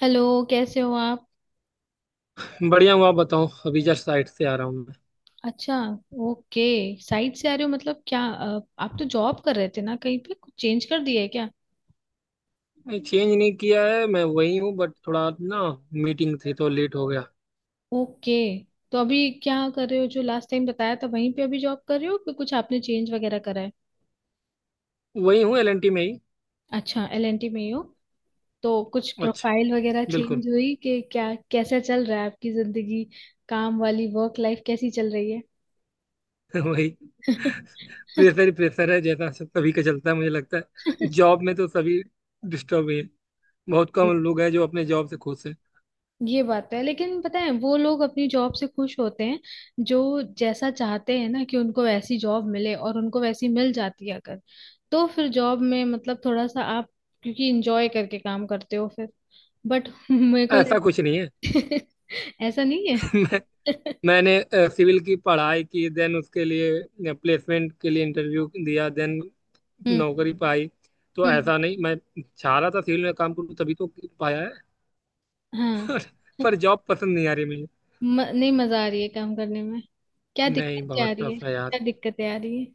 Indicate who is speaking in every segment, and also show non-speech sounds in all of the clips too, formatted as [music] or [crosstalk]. Speaker 1: Hello. कैसे हो आप?
Speaker 2: बढ़िया हूँ। आप बताओ, अभी जस्ट साइट से आ रहा हूँ मैं।
Speaker 1: अच्छा। ओके। साइड से आ रहे हो मतलब क्या, आप तो जॉब कर रहे थे ना, कहीं पे कुछ चेंज कर दिया है क्या?
Speaker 2: नहीं, चेंज नहीं किया है, मैं वही हूँ, बट थोड़ा ना मीटिंग थी तो लेट हो गया।
Speaker 1: ओके। तो अभी क्या कर रहे हो? जो लास्ट टाइम बताया था वहीं पे अभी जॉब कर रहे हो कि कुछ आपने चेंज वगैरह करा है?
Speaker 2: वही हूँ, एलएनटी में ही।
Speaker 1: अच्छा, एलएनटी में ही हो। तो कुछ
Speaker 2: अच्छा।
Speaker 1: प्रोफाइल वगैरह
Speaker 2: बिल्कुल।
Speaker 1: चेंज हुई कि क्या? कैसा चल रहा है आपकी जिंदगी? काम वाली वर्क लाइफ कैसी चल रही है?
Speaker 2: [laughs] वही, प्रेशर ही प्रेशर है, जैसा सभी का चलता है। मुझे लगता है जॉब में तो सभी डिस्टर्ब ही है। बहुत कम
Speaker 1: [laughs]
Speaker 2: लोग हैं जो अपने जॉब से खुश हैं।
Speaker 1: ये बात है, लेकिन पता है वो लोग अपनी जॉब से खुश होते हैं, जो जैसा चाहते हैं ना कि उनको वैसी जॉब मिले, और उनको वैसी मिल जाती है अगर। तो फिर जॉब में मतलब थोड़ा सा आप, क्योंकि इंजॉय करके काम करते हो फिर। बट [laughs] मेरे को लग...
Speaker 2: ऐसा कुछ नहीं है।
Speaker 1: [laughs] ऐसा नहीं है।
Speaker 2: [laughs] मैं
Speaker 1: [laughs]
Speaker 2: मैंने सिविल की पढ़ाई की, देन उसके लिए प्लेसमेंट के लिए इंटरव्यू दिया, देन
Speaker 1: हम्म।
Speaker 2: नौकरी पाई। तो
Speaker 1: हम्म।
Speaker 2: ऐसा नहीं मैं चाह रहा था सिविल में काम करूँ, तभी तो पाया है।
Speaker 1: हाँ।
Speaker 2: पर जॉब पसंद नहीं आ रही मुझे।
Speaker 1: नहीं मजा आ रही है काम करने में। क्या
Speaker 2: नहीं,
Speaker 1: दिक्कत, क्या आ
Speaker 2: बहुत
Speaker 1: रही है,
Speaker 2: टफ है यार।
Speaker 1: क्या दिक्कतें आ रही है?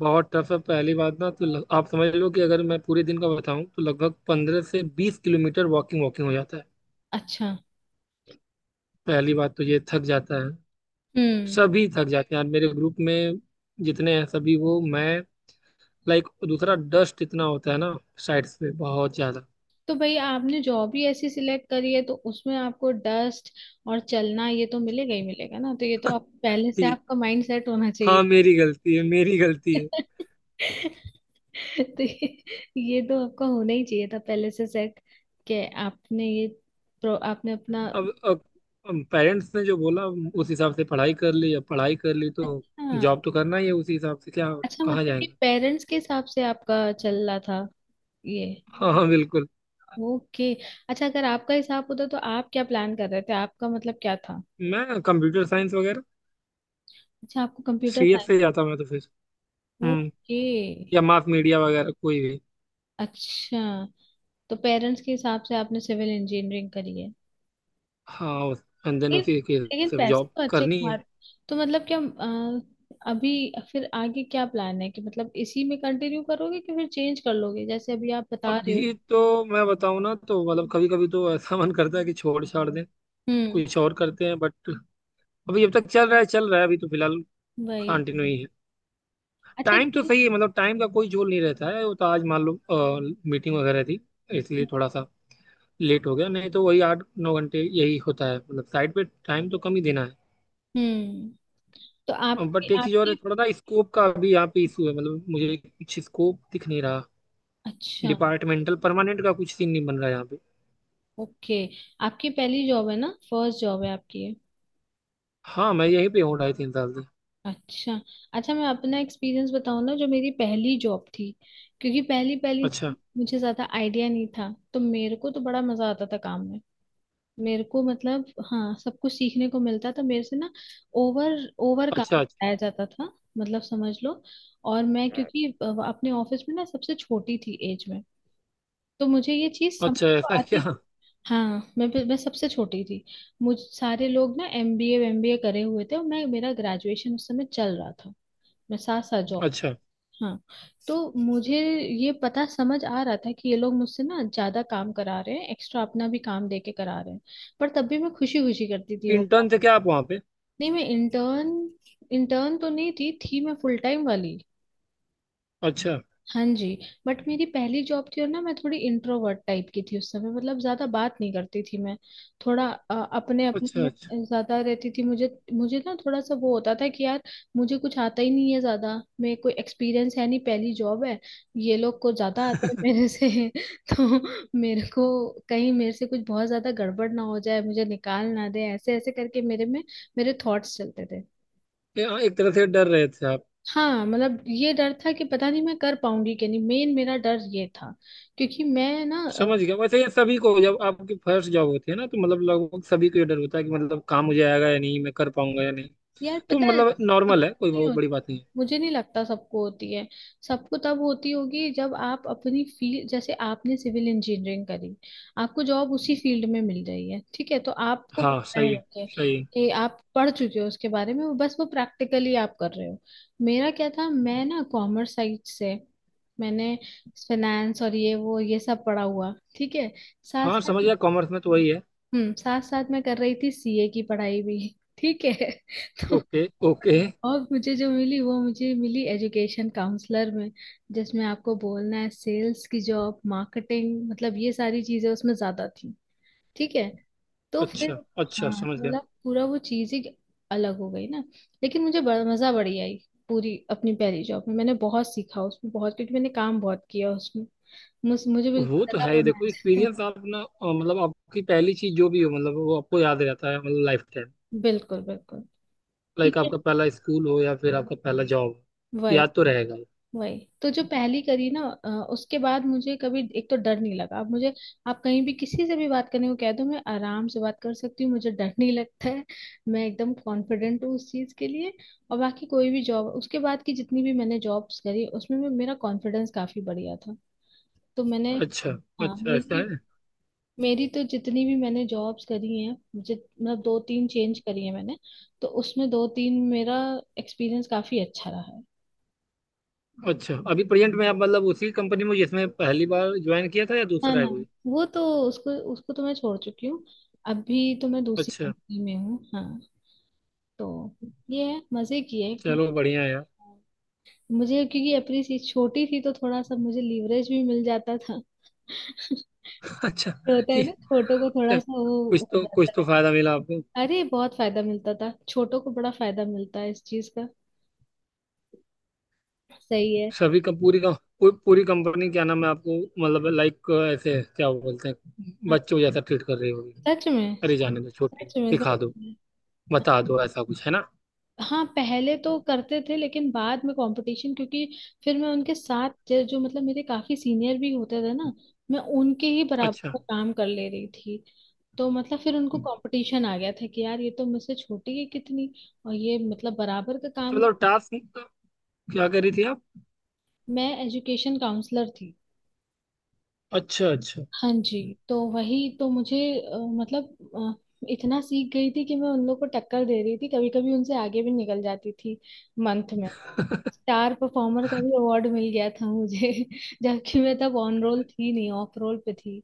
Speaker 2: बहुत टफ है। पहली बात ना तो आप समझ लो कि अगर मैं पूरे दिन का बताऊं तो लगभग 15 से 20 किलोमीटर वॉकिंग वॉकिंग हो जाता है।
Speaker 1: अच्छा।
Speaker 2: पहली बात तो ये थक जाता है।
Speaker 1: हम्म।
Speaker 2: सभी थक जाते हैं यार, मेरे ग्रुप में जितने हैं सभी। वो मैं, लाइक, दूसरा डस्ट इतना होता है ना साइड्स पे, बहुत ज्यादा।
Speaker 1: तो भाई आपने जॉब ही ऐसी सिलेक्ट करी है, तो उसमें आपको डस्ट और चलना ये तो मिलेगा ही मिलेगा ना। तो ये तो आप पहले से
Speaker 2: ये-
Speaker 1: आपका माइंड सेट होना चाहिए।
Speaker 2: हाँ, मेरी गलती है, मेरी गलती है।
Speaker 1: [laughs] तो ये तो आपका होना ही चाहिए था पहले से सेट। कि आपने अपना।
Speaker 2: अब अब, अब पेरेंट्स ने जो बोला उस हिसाब से पढ़ाई कर ली। अब पढ़ाई कर ली तो जॉब
Speaker 1: अच्छा,
Speaker 2: तो करना ही है उसी हिसाब से। क्या
Speaker 1: अच्छा,
Speaker 2: कहाँ
Speaker 1: मतलब ये
Speaker 2: जाएंगे।
Speaker 1: पेरेंट्स के हिसाब से आपका चल रहा था, ये?
Speaker 2: हाँ हाँ, बिल्कुल।
Speaker 1: ओके। अच्छा, अगर आपका हिसाब होता तो आप क्या प्लान कर रहे थे? आपका मतलब क्या था?
Speaker 2: मैं कंप्यूटर साइंस वगैरह,
Speaker 1: अच्छा, आपको कंप्यूटर
Speaker 2: सीएस
Speaker 1: साइंस।
Speaker 2: से जाता मैं तो फिर। हम्म।
Speaker 1: ओके।
Speaker 2: या मास मीडिया वगैरह, कोई भी।
Speaker 1: अच्छा, तो पेरेंट्स के हिसाब से आपने सिविल इंजीनियरिंग करी है।
Speaker 2: हाँ, एंड देन
Speaker 1: लेकिन
Speaker 2: उसी के
Speaker 1: लेकिन
Speaker 2: सब
Speaker 1: पैसे
Speaker 2: जॉब
Speaker 1: तो अच्छे
Speaker 2: करनी
Speaker 1: कमा
Speaker 2: है।
Speaker 1: रहे। तो मतलब क्या, अभी, फिर आगे क्या प्लान है कि मतलब इसी में कंटिन्यू करोगे कि फिर चेंज कर लोगे जैसे अभी आप बता रहे हो?
Speaker 2: अभी तो मैं बताऊँ ना तो मतलब कभी कभी तो ऐसा मन करता है कि छोड़ छाड़ दें,
Speaker 1: हम्म।
Speaker 2: कुछ और करते हैं, बट अभी जब तक चल रहा है चल रहा है। अभी तो फिलहाल
Speaker 1: वही।
Speaker 2: कंटिन्यू ही है।
Speaker 1: अच्छा।
Speaker 2: टाइम तो सही है, मतलब टाइम का कोई झोल नहीं रहता है। वो तो आज मान लो मीटिंग वगैरह थी, इसलिए थोड़ा सा लेट हो गया, नहीं तो वही 8-9 घंटे यही होता है। मतलब साइड पे टाइम तो कम ही देना
Speaker 1: हम्म। तो
Speaker 2: है,
Speaker 1: आपकी
Speaker 2: बट एक चीज़ और
Speaker 1: आपकी
Speaker 2: है, थोड़ा ना स्कोप का भी यहाँ पे इशू है, मतलब मुझे कुछ स्कोप दिख नहीं रहा।
Speaker 1: अच्छा,
Speaker 2: डिपार्टमेंटल परमानेंट का कुछ सीन नहीं बन रहा यहाँ पे।
Speaker 1: ओके, आपकी पहली जॉब है ना? फर्स्ट जॉब है आपकी, ये?
Speaker 2: हाँ, मैं यहीं पे हूँ 2.5-3 साल से।
Speaker 1: अच्छा। अच्छा, मैं अपना एक्सपीरियंस बताऊँ ना, जो मेरी पहली जॉब थी। क्योंकि पहली पहली
Speaker 2: अच्छा
Speaker 1: थी, मुझे ज्यादा आइडिया नहीं था, तो मेरे को तो बड़ा मजा आता था काम में। मेरे को मतलब, हाँ, सब कुछ सीखने को मिलता था मेरे से ना। ओवर ओवर
Speaker 2: अच्छा।
Speaker 1: काम
Speaker 2: अच्छा।
Speaker 1: कराया जाता था, मतलब समझ लो। और मैं क्योंकि अपने ऑफिस में ना सबसे छोटी थी एज में, तो मुझे ये चीज समझ
Speaker 2: अच्छा
Speaker 1: तो
Speaker 2: ऐसा [laughs]
Speaker 1: आती
Speaker 2: क्या।
Speaker 1: थी। हाँ, मैं सबसे छोटी थी। मुझ सारे लोग ना एमबीए एमबीए करे हुए थे, और मैं, मेरा ग्रेजुएशन उस समय चल रहा था। मसासा जॉब।
Speaker 2: अच्छा।
Speaker 1: हाँ। तो मुझे ये पता समझ आ रहा था कि ये लोग मुझसे ना ज्यादा काम करा रहे हैं, एक्स्ट्रा अपना भी काम दे के करा रहे हैं। पर तब भी मैं खुशी खुशी करती थी वो काम।
Speaker 2: इंटर्न थे क्या आप वहाँ पे।
Speaker 1: नहीं, मैं इंटर्न इंटर्न तो नहीं थी, थी मैं फुल टाइम वाली।
Speaker 2: अच्छा
Speaker 1: हाँ जी। बट मेरी पहली जॉब थी, और ना मैं थोड़ी इंट्रोवर्ट टाइप की थी उस समय, मतलब ज्यादा बात नहीं करती थी मैं। थोड़ा अपने अपने
Speaker 2: अच्छा। अच्छा,
Speaker 1: में ज्यादा रहती थी। मुझे मुझे ना थोड़ा सा वो होता था कि यार, मुझे कुछ आता ही नहीं है ज्यादा, मेरे कोई एक्सपीरियंस है नहीं, पहली जॉब है, ये लोग को ज्यादा आता है मेरे से। [laughs] तो मेरे को, कहीं मेरे से कुछ बहुत ज्यादा गड़बड़ ना हो जाए, मुझे निकाल ना दे, ऐसे ऐसे करके मेरे में मेरे थॉट्स चलते थे।
Speaker 2: ए, हाँ, एक तरह से डर रहे थे आप।
Speaker 1: हाँ, मतलब ये डर था कि पता नहीं मैं कर पाऊंगी कि नहीं, मेन मेरा डर ये था। क्योंकि मैं ना
Speaker 2: समझ गया। वैसे ये सभी को, जब आपकी फर्स्ट जॉब होती है ना, तो मतलब लगभग सभी को ये डर होता है कि मतलब काम मुझे आएगा या नहीं, मैं कर पाऊंगा या नहीं।
Speaker 1: यार,
Speaker 2: तो
Speaker 1: पता है,
Speaker 2: मतलब नॉर्मल है,
Speaker 1: सबको
Speaker 2: कोई
Speaker 1: नहीं
Speaker 2: बहुत
Speaker 1: होता।
Speaker 2: बड़ी बात नहीं है।
Speaker 1: मुझे नहीं लगता सबको होती है। सबको तब होती होगी जब आप अपनी फील्ड, जैसे आपने सिविल इंजीनियरिंग करी, आपको जॉब उसी फील्ड में मिल रही है, ठीक है, तो आपको
Speaker 2: हाँ
Speaker 1: पता
Speaker 2: सही
Speaker 1: है
Speaker 2: है,
Speaker 1: कि
Speaker 2: सही है।
Speaker 1: कि आप पढ़ चुके हो उसके बारे में, वो बस वो प्रैक्टिकली आप कर रहे हो। मेरा क्या था, मैं ना कॉमर्स साइड से, मैंने फाइनेंस और ये वो ये सब पढ़ा हुआ, ठीक है। साथ
Speaker 2: हाँ
Speaker 1: साथ,
Speaker 2: समझ गया, कॉमर्स में तो वही है।
Speaker 1: हम्म, साथ साथ मैं कर रही थी सीए की पढ़ाई भी। ठीक है। [laughs] तो
Speaker 2: ओके ओके।
Speaker 1: और मुझे जो मिली, वो मुझे मिली एजुकेशन काउंसलर में, जिसमें आपको बोलना है, सेल्स की जॉब, मार्केटिंग, मतलब ये सारी चीजें उसमें ज्यादा थी। ठीक है, तो फिर,
Speaker 2: अच्छा अच्छा,
Speaker 1: हाँ,
Speaker 2: समझ
Speaker 1: तो
Speaker 2: गया।
Speaker 1: मतलब पूरा वो चीज ही अलग हो गई ना। लेकिन मुझे बड़ा मजा बड़ी आई। पूरी अपनी पहली जॉब में मैंने बहुत सीखा उसमें, बहुत, क्योंकि मैंने काम बहुत किया उसमें। मुझे
Speaker 2: वो
Speaker 1: बिल्कुल
Speaker 2: तो है
Speaker 1: गधा
Speaker 2: ही।
Speaker 1: बनाया
Speaker 2: देखो,
Speaker 1: जाता था।
Speaker 2: एक्सपीरियंस आप ना, अ, मतलब आपकी पहली चीज जो भी हो मतलब वो आपको याद रहता है, मतलब लाइफ टाइम।
Speaker 1: बिल्कुल, बिल्कुल,
Speaker 2: लाइक
Speaker 1: ठीक है,
Speaker 2: आपका पहला स्कूल हो या फिर आपका पहला जॉब,
Speaker 1: वही।
Speaker 2: याद तो रहेगा।
Speaker 1: वही तो जो पहली करी ना, उसके बाद मुझे कभी एक तो डर नहीं लगा अब मुझे। आप कहीं भी किसी से भी बात करने को कह दो, मैं आराम से बात कर सकती हूँ, मुझे डर नहीं लगता है। मैं एकदम कॉन्फिडेंट हूँ उस चीज के लिए। और बाकी कोई भी जॉब उसके बाद की, जितनी भी मैंने जॉब्स करी, उसमें भी मेरा कॉन्फिडेंस काफी बढ़िया था। तो मैंने,
Speaker 2: अच्छा
Speaker 1: हाँ,
Speaker 2: अच्छा, ऐसा
Speaker 1: मेरी
Speaker 2: है।
Speaker 1: मेरी तो जितनी भी मैंने जॉब्स करी हैं, मुझे मतलब दो तीन चेंज करी है मैंने, तो उसमें दो तीन, मेरा एक्सपीरियंस काफी अच्छा रहा है।
Speaker 2: अच्छा, अभी प्रेजेंट में आप मतलब उसी कंपनी में जिसमें पहली बार ज्वाइन किया था, या
Speaker 1: ना,
Speaker 2: दूसरा है
Speaker 1: ना,
Speaker 2: कोई।
Speaker 1: वो तो उसको उसको तो मैं छोड़ चुकी हूँ। अभी तो मैं दूसरी
Speaker 2: अच्छा।
Speaker 1: कंपनी में हूँ, हाँ। तो ये है, मजे की है,
Speaker 2: चलो बढ़िया है यार।
Speaker 1: मुझे क्योंकि अपनी सी छोटी थी, तो थोड़ा सा मुझे लीवरेज भी मिल जाता था। [laughs] ये
Speaker 2: [laughs] अच्छा
Speaker 1: होता
Speaker 2: ये।
Speaker 1: है ना, छोटों को थोड़ा
Speaker 2: अच्छा,
Speaker 1: सा वो
Speaker 2: कुछ
Speaker 1: हो
Speaker 2: तो, कुछ
Speaker 1: जाता
Speaker 2: तो
Speaker 1: है।
Speaker 2: फायदा मिला आपको।
Speaker 1: अरे बहुत फायदा मिलता था, छोटों को बड़ा फायदा मिलता है इस चीज का। सही है।
Speaker 2: सभी का, पूरी का, पूरी कंपनी क्या नाम है आपको, मतलब लाइक, ऐसे क्या बोलते हैं,
Speaker 1: हाँ,
Speaker 2: बच्चों जैसा ट्रीट कर रही होगी।
Speaker 1: सच में,
Speaker 2: अरे जाने दो, छोटी
Speaker 1: सच में,
Speaker 2: सिखा
Speaker 1: सच
Speaker 2: दो,
Speaker 1: में।
Speaker 2: बता दो, ऐसा कुछ है ना।
Speaker 1: हाँ, पहले तो करते थे, लेकिन बाद में कंपटीशन, क्योंकि फिर मैं उनके साथ, जो जो मतलब मेरे काफी सीनियर भी होते थे ना, मैं उनके ही बराबर
Speaker 2: अच्छा।
Speaker 1: का काम कर ले रही थी। तो मतलब फिर उनको
Speaker 2: तो
Speaker 1: कंपटीशन आ गया था कि यार, ये तो मुझसे छोटी है कितनी, और ये मतलब बराबर का काम।
Speaker 2: मतलब टास्क, क्या कह रही थी आप।
Speaker 1: मैं एजुकेशन काउंसलर थी।
Speaker 2: अच्छा अच्छा।
Speaker 1: हाँ जी। तो वही तो मुझे मतलब इतना सीख गई थी कि मैं उन लोग को टक्कर दे रही थी, कभी कभी उनसे आगे भी निकल जाती थी। मंथ में
Speaker 2: [laughs]
Speaker 1: स्टार परफॉर्मर का भी अवार्ड मिल गया था मुझे। [laughs] जबकि मैं तब ऑन रोल थी नहीं, ऑफ रोल पे थी।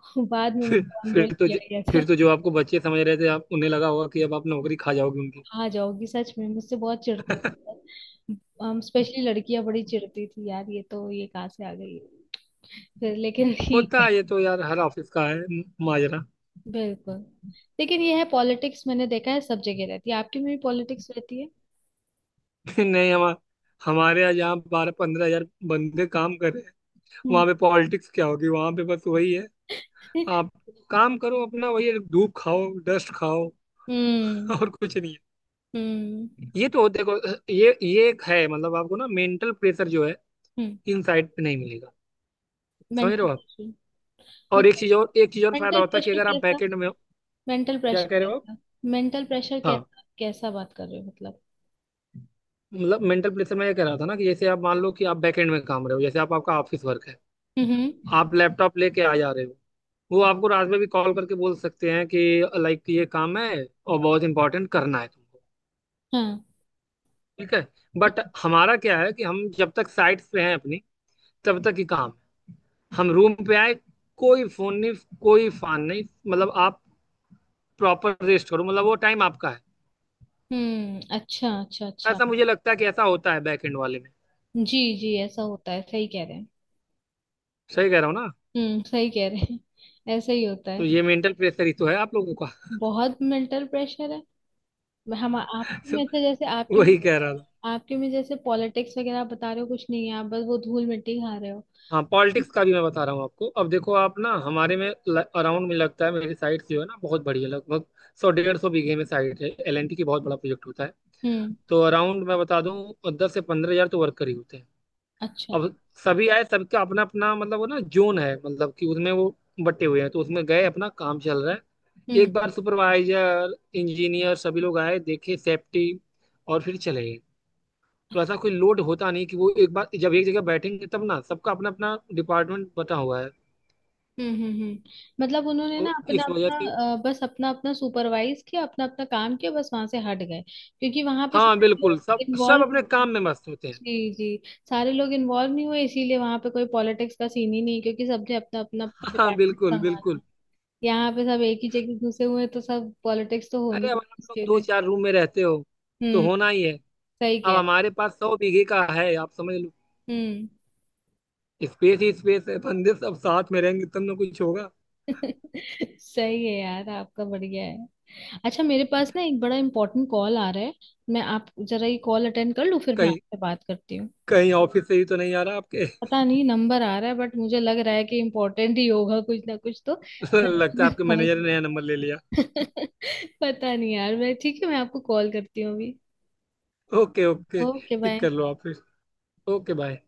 Speaker 1: [laughs] बाद में
Speaker 2: फिर,
Speaker 1: मुझे ऑन रोल
Speaker 2: फिर तो
Speaker 1: किया
Speaker 2: ज-
Speaker 1: गया था।
Speaker 2: फिर तो जो आपको बच्चे समझ रहे थे, आप उन्हें लगा होगा कि अब आप नौकरी खा जाओगे उनकी।
Speaker 1: [laughs] आ जाओगी, सच में मुझसे बहुत चिढ़ते थे, स्पेशली लड़कियां बड़ी चिढ़ती थी यार, ये तो, ये कहाँ से आ गई। फिर लेकिन ठीक
Speaker 2: होता
Speaker 1: है।
Speaker 2: है ये तो यार, हर ऑफिस का है माजरा।
Speaker 1: बिल्कुल। लेकिन ये है पॉलिटिक्स, मैंने देखा है सब जगह रहती है, आपकी में भी पॉलिटिक्स रहती है।
Speaker 2: [laughs] नहीं, हम हमारे यहाँ जहाँ 12-15 हज़ार बंदे काम कर रहे हैं,
Speaker 1: हम्म।
Speaker 2: वहां पे पॉलिटिक्स क्या होगी। वहां पे बस वही है, आप
Speaker 1: [laughs]
Speaker 2: काम करो अपना, वही है, धूप खाओ, डस्ट खाओ,
Speaker 1: हम्म।
Speaker 2: [laughs] और कुछ नहीं
Speaker 1: हम्म।
Speaker 2: है ये तो। देखो, ये एक है, मतलब आपको ना मेंटल प्रेशर जो है इन साइड पे नहीं मिलेगा, समझ रहे
Speaker 1: मेंटल
Speaker 2: हो आप।
Speaker 1: प्रेशर?
Speaker 2: और
Speaker 1: मतलब
Speaker 2: एक चीज और फायदा
Speaker 1: मेंटल
Speaker 2: होता है कि
Speaker 1: प्रेशर
Speaker 2: अगर आप
Speaker 1: कैसा?
Speaker 2: बैकेंड में हो।
Speaker 1: मेंटल प्रेशर
Speaker 2: क्या कह रहे हो
Speaker 1: कैसा? मेंटल प्रेशर
Speaker 2: आप।
Speaker 1: कैसा कैसा बात कर रहे हो मतलब?
Speaker 2: मतलब मेंटल प्रेशर, मैं ये कह रहा था ना कि जैसे आप मान लो कि आप बैकएंड में काम रहे हो, जैसे आप, आपका ऑफिस वर्क है,
Speaker 1: हम्म। हम्म।
Speaker 2: आप लैपटॉप लेके आ जा रहे हो, वो आपको रात में भी कॉल करके बोल सकते हैं कि लाइक ये काम है और बहुत इंपॉर्टेंट, करना है तुमको,
Speaker 1: हाँ।
Speaker 2: ठीक है। बट हमारा क्या है कि हम जब तक साइट्स पे हैं अपनी, तब तक ही काम है। हम रूम पे आए, कोई फोन नहीं, कोई फान नहीं, मतलब आप प्रॉपर रेस्ट करो, मतलब वो टाइम आपका है।
Speaker 1: हम्म। अच्छा, अच्छा, अच्छा।
Speaker 2: ऐसा मुझे लगता है कि ऐसा होता है बैकएंड वाले में।
Speaker 1: जी जी, ऐसा होता है, सही कह रहे हैं।
Speaker 2: सही कह रहा हूँ ना।
Speaker 1: हम्म, सही कह रहे हैं। ऐसा ही होता
Speaker 2: तो
Speaker 1: है।
Speaker 2: ये मेंटल प्रेशर ही तो है आप लोगों का।
Speaker 1: बहुत मेंटल प्रेशर है। हम आपके
Speaker 2: [laughs] तो
Speaker 1: में ऐसे जैसे आपके,
Speaker 2: वही कह रहा था।
Speaker 1: आपके में जैसे पॉलिटिक्स वगैरह आप बता रहे हो, कुछ नहीं है, आप बस वो धूल मिट्टी खा रहे हो।
Speaker 2: हाँ, पॉलिटिक्स का भी मैं बता रहा हूँ आपको। अब देखो, आप ना, हमारे में अराउंड में लगता है, मेरी साइट जो है ना बहुत बड़ी है। लगभग 100-150 बीघे में साइट है, एलएनटी की बहुत बड़ा प्रोजेक्ट होता है।
Speaker 1: हम्म।
Speaker 2: तो अराउंड मैं बता दूँ 10 से 15 हज़ार तो वर्कर ही होते हैं।
Speaker 1: अच्छा।
Speaker 2: अब सभी आए, सबका अपना अपना, मतलब वो ना, जोन है, मतलब कि उसमें वो बटे हुए हैं। तो उसमें गए, अपना काम चल रहा है,
Speaker 1: हम्म।
Speaker 2: एक बार सुपरवाइजर, इंजीनियर, सभी लोग आए, देखे सेफ्टी, और फिर चले गए। तो ऐसा कोई लोड होता नहीं कि वो एक बार जब एक जगह बैठेंगे, तब ना सबका अपना अपना डिपार्टमेंट बटा हुआ है,
Speaker 1: हम्म। हम्म। हम्म। मतलब उन्होंने ना
Speaker 2: तो
Speaker 1: अपना
Speaker 2: इस वजह
Speaker 1: अपना,
Speaker 2: से।
Speaker 1: बस अपना अपना सुपरवाइज किया, अपना अपना काम किया, बस वहां से हट गए। क्योंकि वहां पे
Speaker 2: हाँ
Speaker 1: सारे
Speaker 2: बिल्कुल, सब,
Speaker 1: लोग
Speaker 2: सब
Speaker 1: इन्वॉल्व।
Speaker 2: अपने काम
Speaker 1: [laughs]
Speaker 2: में मस्त होते हैं।
Speaker 1: जी जी। सारे लोग इन्वॉल्व नहीं हुए, इसीलिए वहां पे कोई पॉलिटिक्स का सीन ही नहीं, क्योंकि सबने अपना अपना
Speaker 2: [laughs] हाँ
Speaker 1: डिपार्टमेंट
Speaker 2: बिल्कुल
Speaker 1: संभाला।
Speaker 2: बिल्कुल।
Speaker 1: यहाँ पे सब एक ही जगह घुसे हुए हैं, तो सब पॉलिटिक्स तो
Speaker 2: अरे
Speaker 1: होनी
Speaker 2: अब
Speaker 1: है
Speaker 2: आप लोग
Speaker 1: उसके
Speaker 2: दो
Speaker 1: लिए।
Speaker 2: चार रूम में रहते हो तो
Speaker 1: हम्म।
Speaker 2: होना ही है।
Speaker 1: सही क्या
Speaker 2: अब
Speaker 1: है।
Speaker 2: हमारे पास 100 बीघे का है, आप समझ लो,
Speaker 1: हम्म।
Speaker 2: स्पेस ही स्पेस है। बंदे सब साथ में रहेंगे तब ना कुछ होगा।
Speaker 1: [laughs] सही है यार, आपका बढ़िया है। अच्छा, मेरे पास ना एक बड़ा इंपॉर्टेंट कॉल आ रहा है, मैं आप जरा ये कॉल अटेंड कर लूँ, फिर मैं
Speaker 2: कहीं
Speaker 1: आपसे बात करती हूँ।
Speaker 2: कहीं ऑफिस से ही तो नहीं आ रहा आपके।
Speaker 1: पता नहीं नंबर आ रहा है, बट मुझे लग रहा है कि इम्पोर्टेंट ही होगा कुछ ना कुछ तो।
Speaker 2: [laughs] लगता है
Speaker 1: मैं
Speaker 2: आपके
Speaker 1: कॉल
Speaker 2: मैनेजर ने
Speaker 1: [laughs]
Speaker 2: नया नंबर ले लिया।
Speaker 1: पता नहीं यार, मैं ठीक है, मैं आपको कॉल करती हूँ अभी।
Speaker 2: Okay okay.
Speaker 1: ओके,
Speaker 2: पिक
Speaker 1: बाय।
Speaker 2: कर लो आप फिर। Okay bye.